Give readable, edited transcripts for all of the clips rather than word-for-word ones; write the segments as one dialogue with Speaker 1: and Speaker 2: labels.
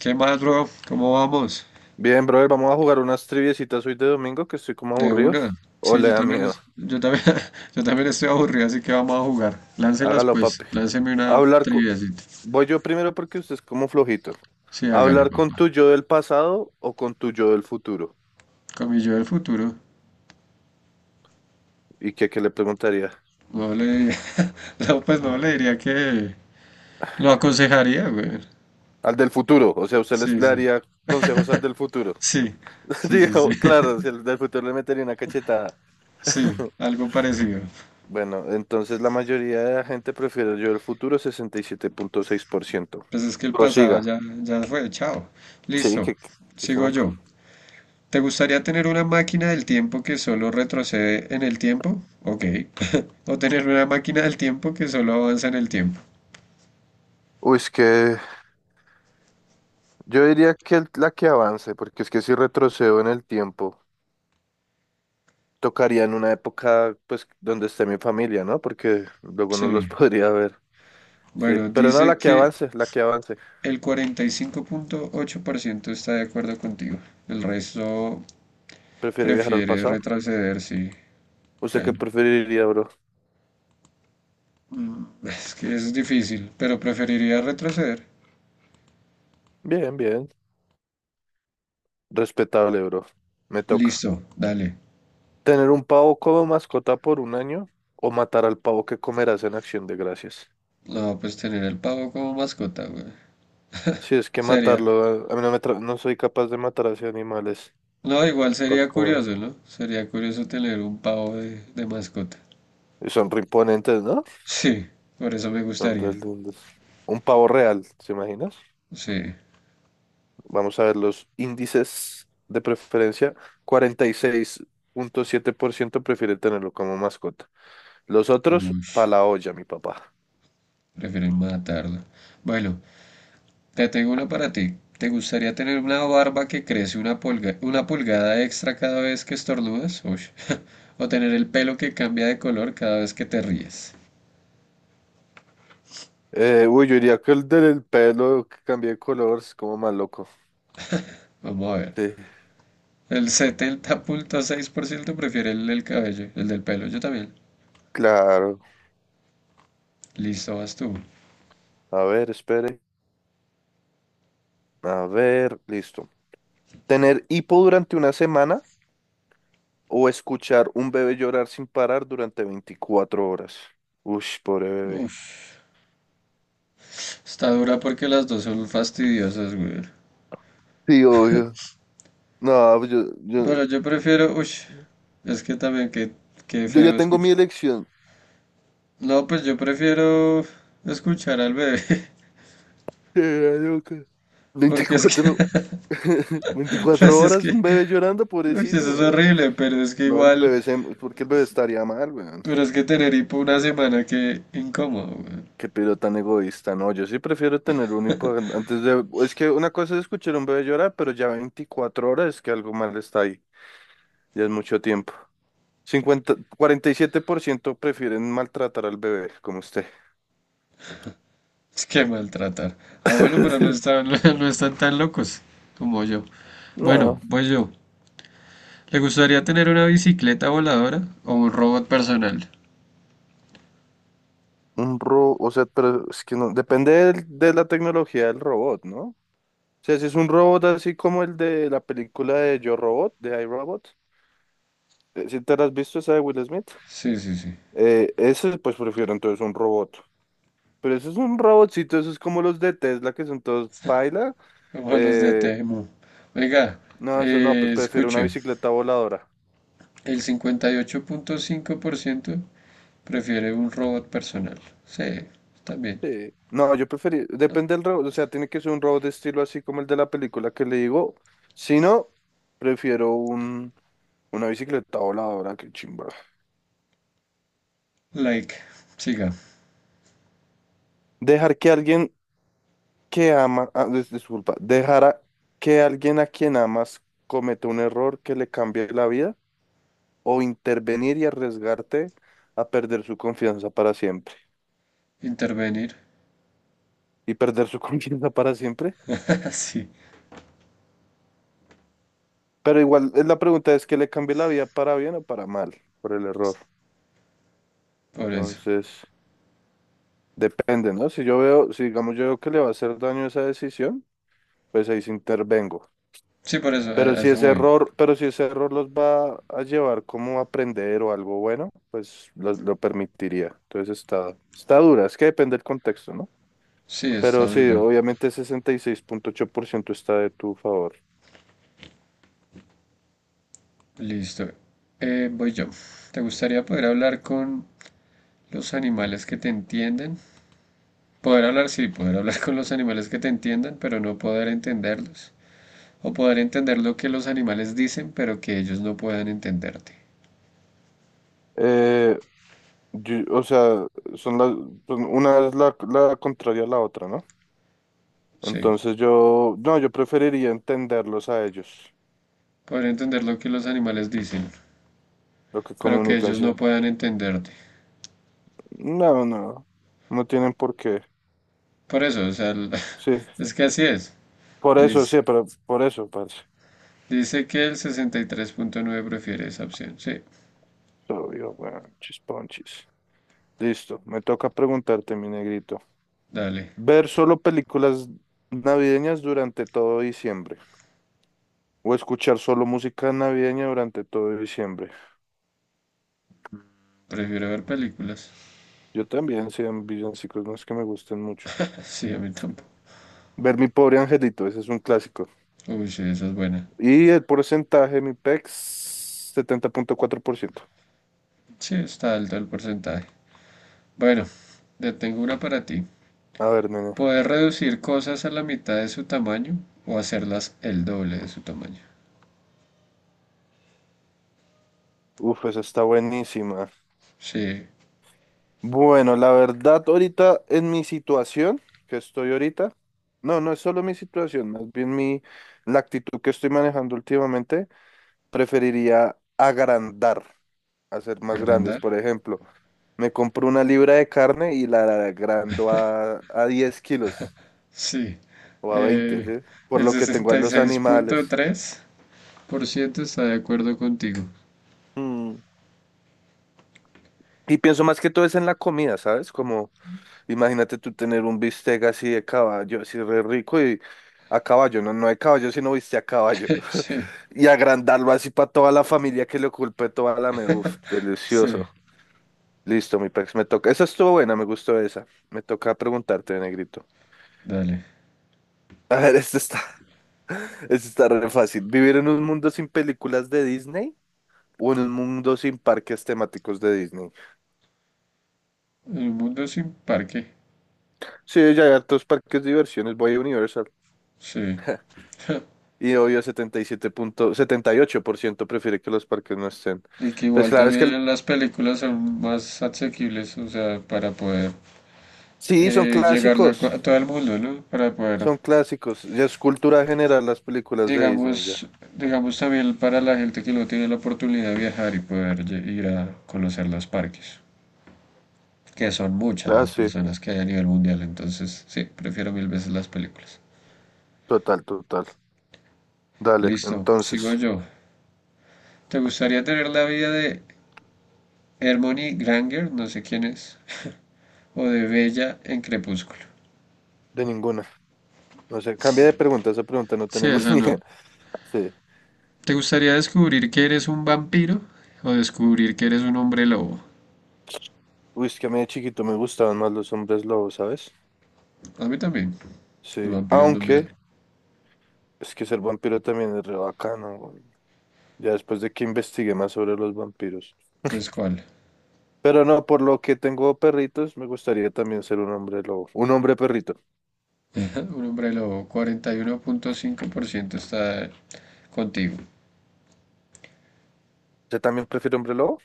Speaker 1: ¿Qué más, bro? ¿Cómo vamos?
Speaker 2: Bien, brother, vamos a jugar unas triviecitas hoy de domingo que estoy como
Speaker 1: De
Speaker 2: aburrido.
Speaker 1: una.
Speaker 2: O
Speaker 1: Sí,
Speaker 2: le
Speaker 1: yo
Speaker 2: da
Speaker 1: también,
Speaker 2: miedo.
Speaker 1: yo también estoy aburrido, así que vamos a jugar. Láncelas,
Speaker 2: Hágalo,
Speaker 1: pues.
Speaker 2: papi.
Speaker 1: Lánceme una
Speaker 2: Hablar con...
Speaker 1: triviacita.
Speaker 2: Voy yo primero porque usted es como flojito.
Speaker 1: Sí, hágale,
Speaker 2: ¿Hablar con
Speaker 1: papá.
Speaker 2: tu yo del pasado o con tu yo del futuro?
Speaker 1: Con mi yo del futuro.
Speaker 2: ¿Y qué le preguntaría?
Speaker 1: No le, no, pues no le diría que lo aconsejaría, güey.
Speaker 2: Al del futuro. O sea, usted les,
Speaker 1: Sí,
Speaker 2: le
Speaker 1: sí.
Speaker 2: daría consejos al del futuro.
Speaker 1: Sí, sí, sí, sí.
Speaker 2: Digo, claro, si al del futuro le metería una cachetada.
Speaker 1: Sí, algo parecido.
Speaker 2: Bueno, entonces la mayoría de la gente prefiere el yo del futuro, 67.6%.
Speaker 1: Pues es que el pasado
Speaker 2: Prosiga.
Speaker 1: ya fue. Chao.
Speaker 2: Sí,
Speaker 1: Listo.
Speaker 2: que se
Speaker 1: Sigo
Speaker 2: me...
Speaker 1: yo. ¿Te gustaría tener una máquina del tiempo que solo retrocede en el tiempo? Ok. O tener una máquina del tiempo que solo avanza en el tiempo.
Speaker 2: Uy, es que yo diría que la que avance, porque es que si retrocedo en el tiempo, tocaría en una época, pues, donde esté mi familia, ¿no? Porque luego no
Speaker 1: Sí.
Speaker 2: los podría ver. Sí,
Speaker 1: Bueno,
Speaker 2: pero no,
Speaker 1: dice
Speaker 2: la que
Speaker 1: que
Speaker 2: avance, la que avance.
Speaker 1: el 45.8% está de acuerdo contigo. El resto
Speaker 2: Prefiero viajar al
Speaker 1: prefiere
Speaker 2: pasado.
Speaker 1: retroceder, sí.
Speaker 2: ¿Usted qué
Speaker 1: Bueno,
Speaker 2: preferiría, bro?
Speaker 1: es que es difícil, pero preferiría retroceder.
Speaker 2: Bien, bien. Respetable, bro. Me toca.
Speaker 1: Listo, dale.
Speaker 2: ¿Tener un pavo como mascota por un año o matar al pavo que comerás en Acción de Gracias?
Speaker 1: No, pues tener el pavo como mascota, güey.
Speaker 2: Si es que
Speaker 1: Sería,
Speaker 2: matarlo, a mí no me no soy capaz de matar a esos animales.
Speaker 1: no, igual
Speaker 2: Pa'
Speaker 1: sería
Speaker 2: comer.
Speaker 1: curioso, ¿no? Sería curioso tener un pavo de mascota.
Speaker 2: Y son reimponentes, ¿no?
Speaker 1: Sí, por eso me
Speaker 2: Son
Speaker 1: gustaría.
Speaker 2: re lindos. Un pavo real, ¿se imaginas?
Speaker 1: Sí.
Speaker 2: Vamos a ver los índices de preferencia. 46.7% prefiere tenerlo como mascota. Los otros,
Speaker 1: Uy,
Speaker 2: pa' la olla, mi papá.
Speaker 1: prefieren matarlo. Bueno, te tengo una para ti. ¿Te gustaría tener una barba que crece una pulgada extra cada vez que estornudas? Uy. O tener el pelo que cambia de color cada vez que te ríes.
Speaker 2: Uy, yo diría que el del pelo que cambié de color es como más loco.
Speaker 1: Vamos a ver.
Speaker 2: Sí,
Speaker 1: El 70.6% prefiere el del cabello, el del pelo. Yo también.
Speaker 2: claro.
Speaker 1: Listo, vas tú.
Speaker 2: A ver, espere. A ver, listo. Tener hipo durante una semana o escuchar un bebé llorar sin parar durante 24 horas. Uy, pobre bebé.
Speaker 1: Uf. Está dura porque las dos son fastidiosas, güey.
Speaker 2: Sí, obvio. No, pues yo, yo,
Speaker 1: Pero yo prefiero, uy, es que también qué, qué
Speaker 2: yo ya
Speaker 1: feo
Speaker 2: tengo mi
Speaker 1: escuchar.
Speaker 2: elección.
Speaker 1: No, pues yo prefiero escuchar al bebé,
Speaker 2: Loca.
Speaker 1: porque es que,
Speaker 2: 24,
Speaker 1: pues
Speaker 2: 24
Speaker 1: es que,
Speaker 2: horas, un bebé llorando,
Speaker 1: uy, eso es
Speaker 2: pobrecito, weón.
Speaker 1: horrible, pero es que
Speaker 2: No, el
Speaker 1: igual,
Speaker 2: bebé se... porque el bebé estaría mal, weón.
Speaker 1: pero es que tener hipo una semana, qué incómodo, güey.
Speaker 2: Qué pero tan egoísta. No, yo sí prefiero tener un hipo antes de... Es que una cosa es escuchar a un bebé llorar, pero ya 24 horas es que algo mal está ahí. Ya es mucho tiempo. Cincuenta cuarenta y siete por ciento prefieren maltratar al bebé, como usted.
Speaker 1: Es que maltratar. Ah, bueno, pero no están, no están tan locos como yo. Bueno,
Speaker 2: No.
Speaker 1: pues yo. ¿Le gustaría tener una bicicleta voladora o un robot personal?
Speaker 2: Un robot, o sea, pero es que no, depende de la tecnología del robot, ¿no? O sea, si es un robot así como el de la película de Yo Robot, de I, Robot, si te la has visto esa de Will Smith,
Speaker 1: Sí, sí, sí.
Speaker 2: ese pues prefiero entonces un robot. Pero eso es un robotcito, eso es como los de Tesla que son todos paila.
Speaker 1: Como los de
Speaker 2: eh,
Speaker 1: Temu. Oiga,
Speaker 2: no, eso no, pues prefiero una
Speaker 1: escuche,
Speaker 2: bicicleta voladora.
Speaker 1: el 58.5% prefiere un robot personal. Sí, está bien.
Speaker 2: Sí. No, yo preferí, depende del robot, o sea, tiene que ser un robot de estilo así como el de la película que le digo. Si no, prefiero un... Una bicicleta voladora, qué chimba.
Speaker 1: Like, siga.
Speaker 2: Dejar que alguien que ama, disculpa, que alguien a quien amas cometa un error que le cambie la vida o intervenir y arriesgarte a perder su confianza para siempre.
Speaker 1: Intervenir.
Speaker 2: Y perder su confianza para siempre.
Speaker 1: sí,
Speaker 2: Pero igual, la pregunta es que le cambie la vida para bien o para mal por el error.
Speaker 1: por eso.
Speaker 2: Entonces, depende, ¿no? Si yo veo, si digamos yo veo que le va a hacer daño esa decisión, pues ahí sí intervengo.
Speaker 1: Sí, por eso, a a eso voy.
Speaker 2: Pero si ese error los va a llevar como a aprender o algo bueno, pues lo permitiría. Entonces está dura, es que depende del contexto, ¿no?
Speaker 1: Sí, está
Speaker 2: Pero sí,
Speaker 1: dura.
Speaker 2: obviamente 66.8% está de tu favor.
Speaker 1: Listo. Voy yo. ¿Te gustaría poder hablar con los animales que te entienden? Poder hablar, sí, poder hablar con los animales que te entiendan, pero no poder entenderlos. O poder entender lo que los animales dicen, pero que ellos no puedan entenderte.
Speaker 2: Eh, o sea, son las, una es la contraria a la otra, ¿no?
Speaker 1: Sí,
Speaker 2: Entonces yo, no, yo preferiría entenderlos a ellos,
Speaker 1: poder entender lo que los animales dicen,
Speaker 2: lo que
Speaker 1: pero que
Speaker 2: comunican,
Speaker 1: ellos
Speaker 2: sí.
Speaker 1: no puedan entenderte.
Speaker 2: No, no, no tienen por qué.
Speaker 1: Por eso, o sea, el-
Speaker 2: Sí,
Speaker 1: es que así es.
Speaker 2: por eso,
Speaker 1: Liz.
Speaker 2: sí, pero por eso, parce.
Speaker 1: Dice que el 63.9% prefiere esa opción. Sí,
Speaker 2: Obvio, weón, chisponchis. Listo, me toca preguntarte, mi negrito.
Speaker 1: dale.
Speaker 2: ¿Ver solo películas navideñas durante todo diciembre? ¿O escuchar solo música navideña durante todo diciembre?
Speaker 1: Prefiero ver películas.
Speaker 2: Yo también, sean villancicos, no es que me gusten mucho.
Speaker 1: Sí, a mí tampoco.
Speaker 2: Ver Mi Pobre Angelito, ese es un clásico.
Speaker 1: Uy, sí, esa es buena.
Speaker 2: Y el porcentaje, mi pex, 70.4%.
Speaker 1: Sí, está alto el porcentaje. Bueno, te tengo una para ti.
Speaker 2: A ver, nene.
Speaker 1: Poder reducir cosas a la mitad de su tamaño o hacerlas el doble de su tamaño.
Speaker 2: Uf, esa está buenísima.
Speaker 1: Sí,
Speaker 2: Bueno, la verdad, ahorita en mi situación que estoy ahorita, no, no es solo mi situación, más bien mi, la actitud que estoy manejando últimamente, preferiría agrandar, hacer más grandes.
Speaker 1: agrandar.
Speaker 2: Por ejemplo, me compro una libra de carne y la agrando a 10 kilos
Speaker 1: Sí.
Speaker 2: o a 20,
Speaker 1: Eh,
Speaker 2: ¿sí? Por
Speaker 1: el
Speaker 2: lo que tengo a los animales.
Speaker 1: 66.3% está de acuerdo contigo.
Speaker 2: Mm, Y pienso más que todo es en la comida, ¿sabes? Como imagínate tú tener un bistec así de caballo, así re rico y a caballo, no, no de caballo, sino bistec a caballo.
Speaker 1: Sí, sí,
Speaker 2: Y agrandarlo así para toda la familia que le ocupe toda la me... Uf,
Speaker 1: sí,
Speaker 2: delicioso. Listo, mi pex, me toca. Esa estuvo buena, me gustó esa. Me toca preguntarte, negrito.
Speaker 1: dale.
Speaker 2: A ver, esto está, esto está re fácil. ¿Vivir en un mundo sin películas de Disney o en un mundo sin parques temáticos de Disney?
Speaker 1: El mundo sin parque.
Speaker 2: Sí, ya hay hartos parques de diversiones. Voy a Universal.
Speaker 1: Sí.
Speaker 2: Y obvio, 77 punto, 78% prefiere que los parques no estén.
Speaker 1: Y que
Speaker 2: Pues
Speaker 1: igual
Speaker 2: claro, es que
Speaker 1: también las películas son más asequibles, o sea, para poder
Speaker 2: sí, son
Speaker 1: llegarle a,
Speaker 2: clásicos,
Speaker 1: a todo el mundo, ¿no? Para poder,
Speaker 2: son clásicos. Ya es cultura general las películas de Disney,
Speaker 1: digamos,
Speaker 2: ya.
Speaker 1: digamos también para la gente que no tiene la oportunidad de viajar y poder ir a conocer los parques. Que son muchas
Speaker 2: Ah,
Speaker 1: las
Speaker 2: sí,
Speaker 1: personas que hay a nivel mundial, entonces sí, prefiero mil veces las películas.
Speaker 2: total, total. Dale,
Speaker 1: Listo, sigo
Speaker 2: entonces,
Speaker 1: yo. ¿Te gustaría tener la vida de Hermione Granger, no sé quién es, o de Bella en Crepúsculo?
Speaker 2: de ninguna. No sé, cambia de pregunta, esa pregunta no
Speaker 1: Sí,
Speaker 2: tenemos
Speaker 1: esa
Speaker 2: ni
Speaker 1: no.
Speaker 2: idea. Sí.
Speaker 1: ¿Te gustaría descubrir que eres un vampiro o descubrir que eres un hombre lobo?
Speaker 2: Uy, es que a mí de chiquito me gustaban más los hombres lobos, ¿sabes?
Speaker 1: A mí también, los
Speaker 2: Sí,
Speaker 1: vampiros no me
Speaker 2: aunque
Speaker 1: dan.
Speaker 2: es que ser vampiro también es re bacano, güey. Ya después de que investigué más sobre los vampiros.
Speaker 1: Entonces, ¿cuál?
Speaker 2: Pero no, por lo que tengo perritos, me gustaría también ser un hombre lobo. Un hombre perrito.
Speaker 1: Un hombre lobo, 41.5% está contigo.
Speaker 2: ¿Usted también prefiere hombre lobo?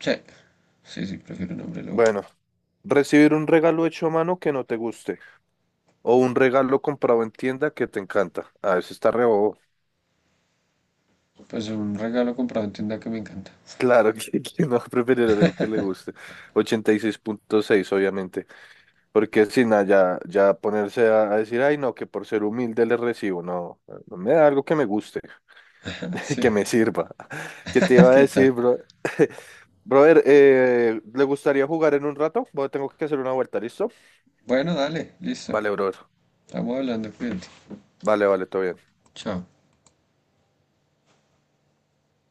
Speaker 1: Sí, sí, sí, prefiero un hombre lobo.
Speaker 2: Bueno, recibir un regalo hecho a mano que no te guste. O un regalo comprado en tienda que te encanta. A veces está re bobo.
Speaker 1: Pues un regalo comprado en tienda que me encanta.
Speaker 2: Claro que no va a preferir algo que le guste. 86.6 obviamente. Porque si nada, ya, ya ponerse a decir, ay, no, que por ser humilde le recibo. No, no me da algo que me guste, que
Speaker 1: Sí,
Speaker 2: me sirva. ¿Qué te iba a
Speaker 1: ¿qué tal?
Speaker 2: decir, bro? Brother, ¿le gustaría jugar en un rato? Bueno, tengo que hacer una vuelta, ¿listo?
Speaker 1: Bueno, dale, listo.
Speaker 2: Vale, brother.
Speaker 1: Estamos hablando, cuídate.
Speaker 2: Vale, vale, todo bien.
Speaker 1: Chao.